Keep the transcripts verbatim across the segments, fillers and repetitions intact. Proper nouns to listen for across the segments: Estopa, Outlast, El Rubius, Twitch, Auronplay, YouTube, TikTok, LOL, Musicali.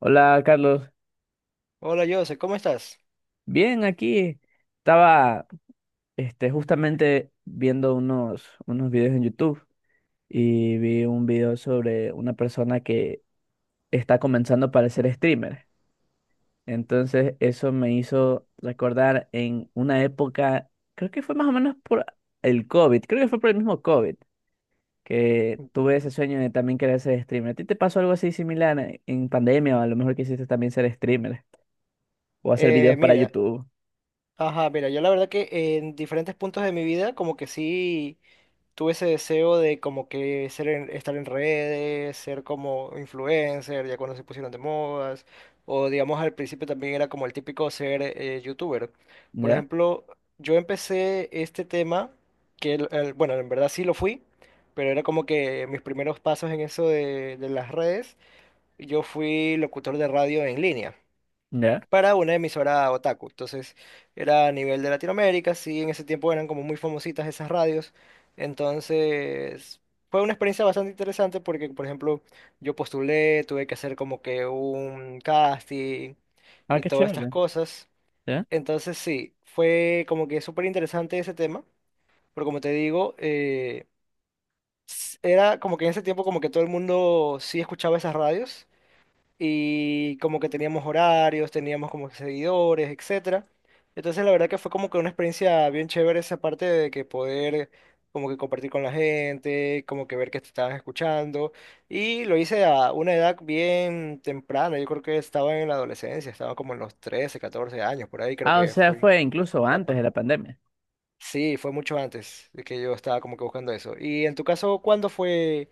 Hola, Carlos. Hola Jose, ¿cómo estás? Bien, aquí estaba este, justamente viendo unos, unos videos en YouTube y vi un video sobre una persona que está comenzando para ser streamer. Entonces, eso me hizo recordar en una época, creo que fue más o menos por el COVID, creo que fue por el mismo COVID, que tuve ese sueño de también querer ser streamer. ¿A ti te pasó algo así similar en en pandemia o a lo mejor quisiste también ser streamer o hacer Eh, videos para mira, YouTube? ajá, mira, yo la verdad que en diferentes puntos de mi vida como que sí tuve ese deseo de como que ser en- estar en redes, ser como influencer, ya cuando se pusieron de modas, o digamos al principio también era como el típico ser eh, youtuber. Por ¿Ya? ejemplo, yo empecé este tema, que el- el- bueno, en verdad sí lo fui, pero era como que mis primeros pasos en eso de, de las redes, yo fui locutor de radio en línea, ¿Ya? para una emisora otaku. Entonces era a nivel de Latinoamérica, sí, en ese tiempo eran como muy famositas esas radios. Entonces fue una experiencia bastante interesante porque, por ejemplo, yo postulé, tuve que hacer como que un casting Ah, y qué todas estas chévere. cosas. ¿Ya? Entonces sí, fue como que súper interesante ese tema, pero como te digo, eh, s- era como que en ese tiempo como que todo el mundo sí escuchaba esas radios y como que teníamos horarios, teníamos como que seguidores, etcétera. Entonces la verdad que fue como que una experiencia bien chévere esa parte de que poder como que compartir con la gente, como que ver que te estabas escuchando y lo hice a una edad bien temprana, yo creo que estaba en la adolescencia, estaba como en los trece catorce años, por ahí creo Ah, o que sea, fui fue esa incluso antes de etapa. la pandemia. Sí, fue mucho antes de que yo estaba como que buscando eso. Y en tu caso, ¿cuándo fue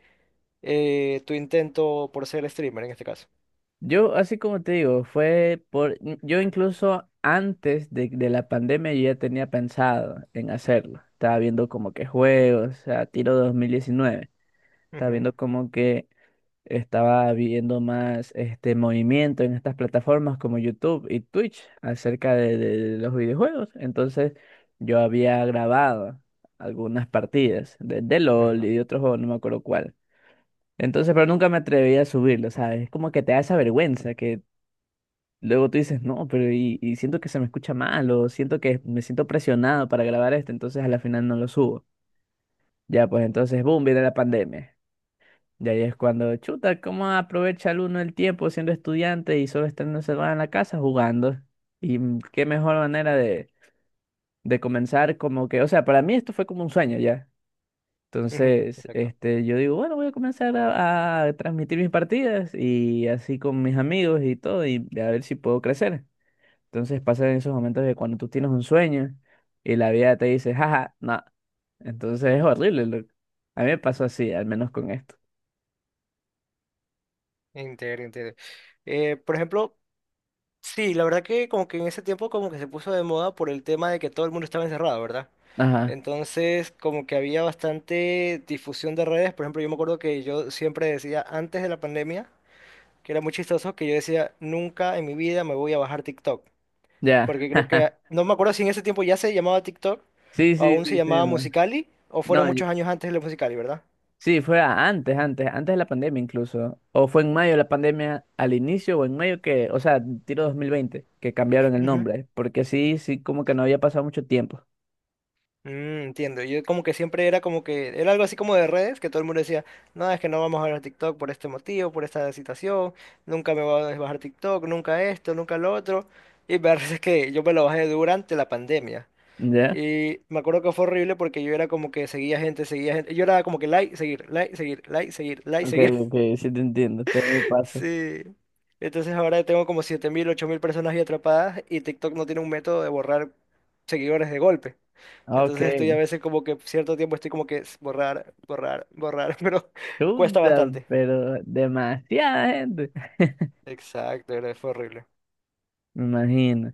eh, tu intento por ser streamer en este caso? Yo, así como te digo, fue por... mm, Yo incluso antes de, de la pandemia yo ya tenía pensado en hacerlo. Estaba viendo como que juegos, o sea, tiro dos mil diecinueve. Estaba Ujú, viendo como que Estaba viendo más este movimiento en estas plataformas como YouTube y Twitch acerca de, de de los videojuegos. Entonces yo había grabado algunas partidas de, de LOL ajá. y de otro juego, no me acuerdo cuál. Entonces, pero nunca me atreví a subirlo, ¿sabes? Es como que te da esa vergüenza que luego tú dices, no, pero y, y siento que se me escucha mal o siento que me siento presionado para grabar esto, entonces a la final no lo subo. Ya, pues entonces, boom, viene la pandemia. Y ahí es cuando, chuta, ¿cómo aprovecha el uno el tiempo siendo estudiante y solo estando encerrado en la casa jugando? Y mm, qué mejor manera de, de comenzar como que, o sea, para mí esto fue como un sueño ya. Ujú, Entonces, exacto. este, yo digo, bueno, voy a comenzar a, a transmitir mis partidas y así con mis amigos y todo, y a ver si puedo crecer. Entonces pasan esos momentos de cuando tú tienes un sueño y la vida te dice, jaja, no. Entonces es horrible, loco. A mí me pasó así, al menos con esto. Entiendo, entiendo. Eh, por ejemplo, sí, la verdad que como que en ese tiempo como que se puso de moda por el tema de que todo el mundo estaba encerrado, ¿verdad? Ajá, Entonces como que había bastante difusión de redes. Por ejemplo, yo me acuerdo que yo siempre decía antes de la pandemia, que era muy chistoso, que yo decía, nunca en mi vida me voy a bajar TikTok. ya. Porque creo que, no me acuerdo si en ese tiempo ya se llamaba TikTok, Sí, o sí, aún se sí, sí. llamaba man. Musicali, o No, fueron muchos años antes de la Musicali, ¿verdad? sí, fue a- antes, antes, antes de la pandemia incluso. O fue en mayo de la pandemia al inicio o en mayo que, o sea, tiro dos mil veinte que cambiaron el Ujú. nombre, porque sí, sí, como que no había pasado mucho tiempo. Mm, entiendo. Yo como que siempre era como que era algo así como de redes, que todo el mundo decía, no, es que no vamos a ver TikTok por este motivo, por esta situación, nunca me voy a bajar TikTok, nunca esto, nunca lo otro. Y me parece que yo me lo bajé durante la pandemia. ¿Ya? Y me acuerdo que fue horrible porque yo era como que seguía gente, seguía gente. Yo era como que like, seguir, like, seguir, like, seguir, like, Ok, seguir. ok, sí te entiendo, te me pasa. Sí. Entonces ahora tengo como siete mil ocho mil personas ahí atrapadas y TikTok no tiene un método de borrar seguidores de golpe. Ok, Entonces estoy a veces como que cierto tiempo estoy como que s- borrar, borrar, borrar, pero cuesta chuta, bastante. pero demasiada gente. Exacto, era- fue horrible. Me imagino.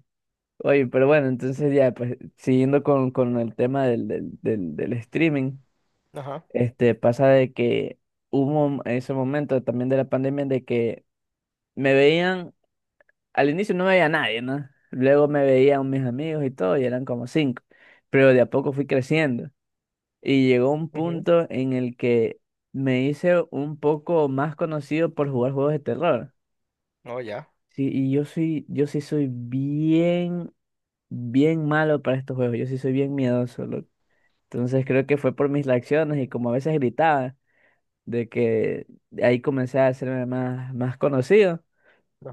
Oye, pero bueno, entonces ya, pues siguiendo con, con el tema del, del, del, del streaming, Ajá. este, pasa de que hubo ese momento también de la pandemia de que me veían, al inicio no me veía nadie, ¿no? Luego me veían mis amigos y todo, y eran como cinco. Pero de a poco fui creciendo. Y llegó un Ujú. punto en el que me hice un poco más conocido por jugar juegos de terror. No, ya. Sí, y yo soy, yo sí soy bien, bien malo para estos juegos. Yo sí soy bien miedoso, loco. Entonces creo que fue por mis reacciones y como a veces gritaba, de que ahí comencé a hacerme más, más conocido.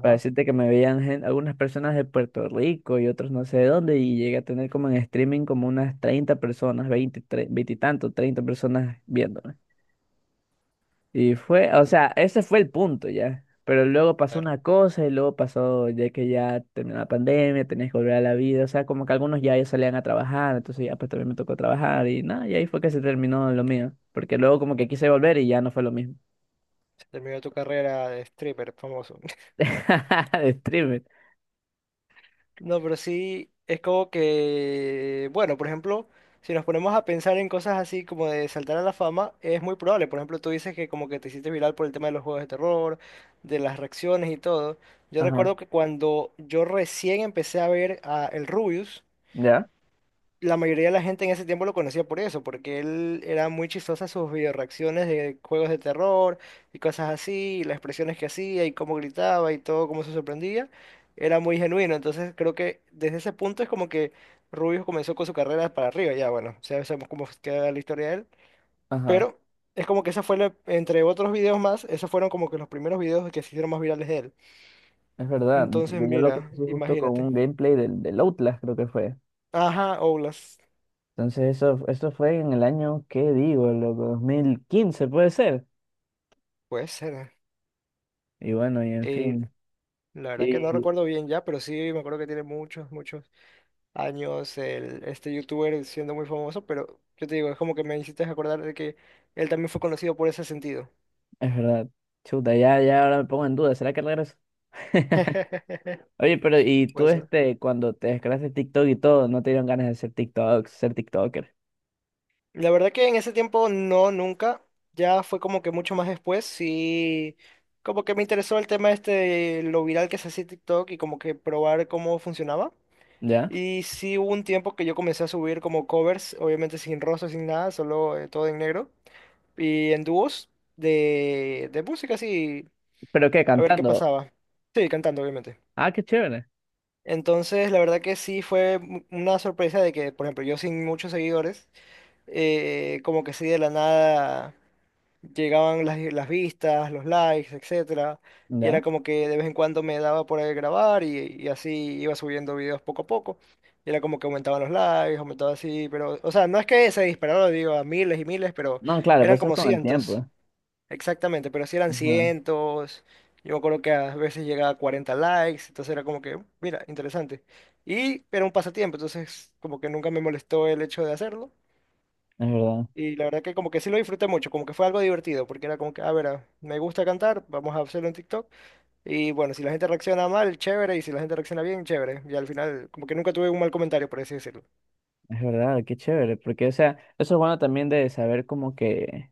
Para decirte que me veían gen- algunas personas de Puerto Rico y otros no sé de dónde, y llegué a tener como en streaming como unas treinta personas, veinte tre- veinte y tanto, treinta personas viéndome. Y fue, o sea, ese fue el punto ya. Pero luego pasó Claro. una cosa y luego pasó, ya que ya terminó la pandemia, tenías que volver a la vida, o sea, como que algunos ya, ya salían a trabajar, entonces ya pues también me tocó trabajar y nada, y ahí fue que se terminó lo mío, porque luego como que quise volver y ya no fue lo mismo. Se terminó tu carrera de stripper famoso. De streamer. No, pero sí, es como que, bueno, por ejemplo, si nos ponemos a pensar en cosas así como de saltar a la fama, es muy probable. Por ejemplo, tú dices que como que te hiciste viral por el tema de los juegos de terror, de las reacciones y todo. Yo Ajá, recuerdo que cuando yo recién empecé a ver a El Rubius, ya, la mayoría de la gente en ese tiempo lo conocía por eso, porque él era muy chistoso en sus videoreacciones de juegos de terror y cosas así, y las expresiones que hacía y cómo gritaba y todo, cómo se sorprendía, era muy genuino. Entonces creo que desde ese punto es como que Rubius comenzó con su carrera para arriba, ya bueno, ya sabemos cómo queda la historia de él, ajá. pero es como que esa fue, la- entre otros videos más, esos fueron como que los primeros videos que se hicieron más virales de él. Es verdad, Entonces porque yo lo mira, conocí justo con un imagínate. gameplay del, del Outlast, creo que fue. Ajá, Oulas, Entonces eso, eso fue en el año, ¿qué digo? Loco, dos mil quince puede ser. puede ser. Y bueno, y en Eh, fin. La verdad que no Y recuerdo bien ya, pero sí me acuerdo que tiene muchos, muchos años el, este youtuber siendo muy famoso, pero yo te digo, es como que me hiciste acordar de que él también fue conocido por ese sentido. es verdad. Chuta, ya, ya ahora me pongo en duda, ¿será que regreso? Oye, pero y tú Puede ser. este, cuando te descargaste TikTok y todo, no te dieron ganas de ser TikTok, ser TikToker, La verdad que en ese tiempo no, nunca. Ya fue como que mucho más después. Sí, como que me interesó el tema este de lo viral que se hacía TikTok y como que probar cómo funcionaba. ¿ya? Y sí hubo un tiempo que yo comencé a subir como covers, obviamente sin rostro, sin nada, solo eh, todo en negro. Y en dúos de, de música, sí, ¿Pero qué? a ver qué ¿Cantando? pasaba. Sí, cantando, obviamente. Ah, qué chévere, Entonces, la verdad que sí fue mu- una sorpresa de que, por ejemplo, yo sin muchos seguidores, eh, como que sí de la nada llegaban las, las vistas, los likes, etcétera. Y era ¿ya? como que de vez en cuando me daba por ahí grabar y, y así iba subiendo videos poco a poco. Y era como que aumentaban los likes, aumentaba así, pero, o sea, no es que se dispararon, digo, a miles y miles, pero No, claro, pero eran eso es como con el cientos. tiempo. Exactamente, pero si eran Ajá, cientos, yo me acuerdo que a veces llegaba a cuarenta likes, entonces era como que, mira, interesante. Y era un pasatiempo, entonces como que nunca me molestó el hecho de hacerlo. es verdad. Y la verdad que como que sí lo disfruté mucho, como que fue algo divertido, porque era como que, a ver, ah, me gusta cantar, vamos a hacerlo en TikTok. Y bueno, si la gente reacciona mal, chévere, y si la gente reacciona bien, chévere. Y al final como que nunca tuve un mal comentario, por así decirlo. Es verdad, qué chévere, porque o sea, eso es bueno también de saber como que,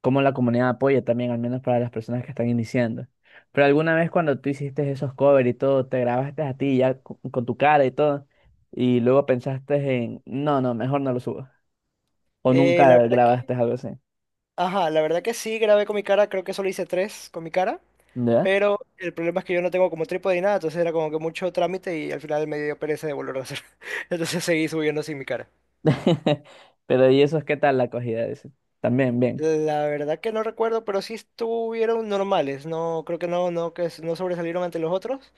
cómo la comunidad apoya también, al menos para las personas que están iniciando. Pero alguna vez cuando tú hiciste esos covers y todo, te grabaste a ti ya co- con, tu cara y todo, y luego pensaste en, no, no, mejor no lo subo. O Eh, nunca la verdad que, grabaste algo así, ajá, la verdad que sí grabé con mi cara, creo que solo hice tres con mi cara. ¿ya? Pero el problema es que yo no tengo como trípode ni nada, entonces era como que mucho trámite y al final me dio pereza de volver a hacer. Entonces seguí subiendo sin mi cara. Pero ¿y eso es qué tal la acogida de ese? También, bien. La verdad que no recuerdo, pero sí estuvieron normales. No, creo que no, no, que s- no sobresalieron ante los otros,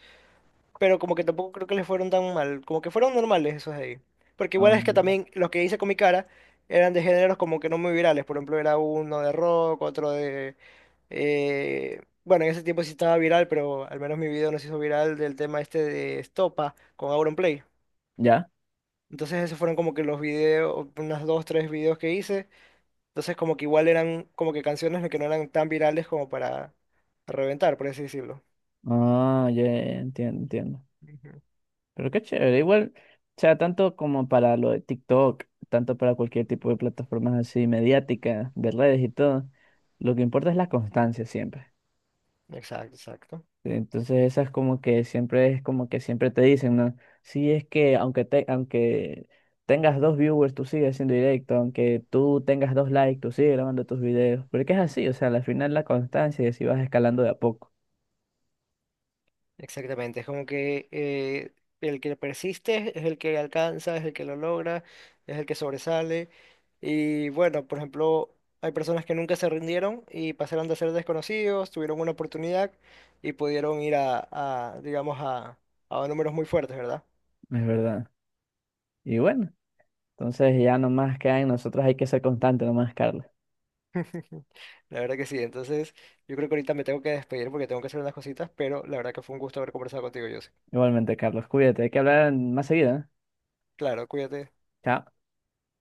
pero como que tampoco creo que les fueron tan mal, como que fueron normales esos de ahí. Porque igual Ah, es que también los que hice con mi cara eran de géneros como que no muy virales, por ejemplo era uno de rock, otro de... eh, bueno, en ese tiempo sí estaba viral, pero al menos mi video no se hizo viral del tema este de Estopa con Auronplay. ¿ya? Entonces esos fueron como que los videos, unas dos, tres videos que hice. Entonces como que igual eran como que canciones que no eran tan virales como para reventar, por así decirlo. Ah, ya, ya, ya, entiendo, entiendo. Ujú. Pero qué chévere, igual, o sea, tanto como para lo de TikTok, tanto para cualquier tipo de plataformas así mediáticas, de redes y todo, lo que importa es la constancia siempre. Exacto, exacto. Entonces esa es como que siempre es como que siempre te dicen, ¿no? Sí, es que aunque te, aunque tengas dos viewers, tú sigues haciendo directo, aunque tú tengas dos likes, tú sigues grabando tus videos. Porque es así, o sea, al final la constancia es si vas escalando de a poco, Exactamente, es como que eh, el que persiste es el que alcanza, es el que lo logra, es el que sobresale. Y bueno, por ejemplo, hay personas que nunca se rindieron y pasaron de ser desconocidos, tuvieron una oportunidad y pudieron ir a, a, digamos, a, a números muy fuertes, ¿verdad? es verdad. Y bueno, entonces ya nomás queda en nosotros hay que ser constante nomás, Carlos. La verdad que sí. Entonces, yo creo que ahorita me tengo que despedir porque tengo que hacer unas cositas, pero la verdad que fue un gusto haber conversado contigo, José. Igualmente, Carlos, cuídate, hay que hablar más seguido, ¿eh? Claro, cuídate. Chao.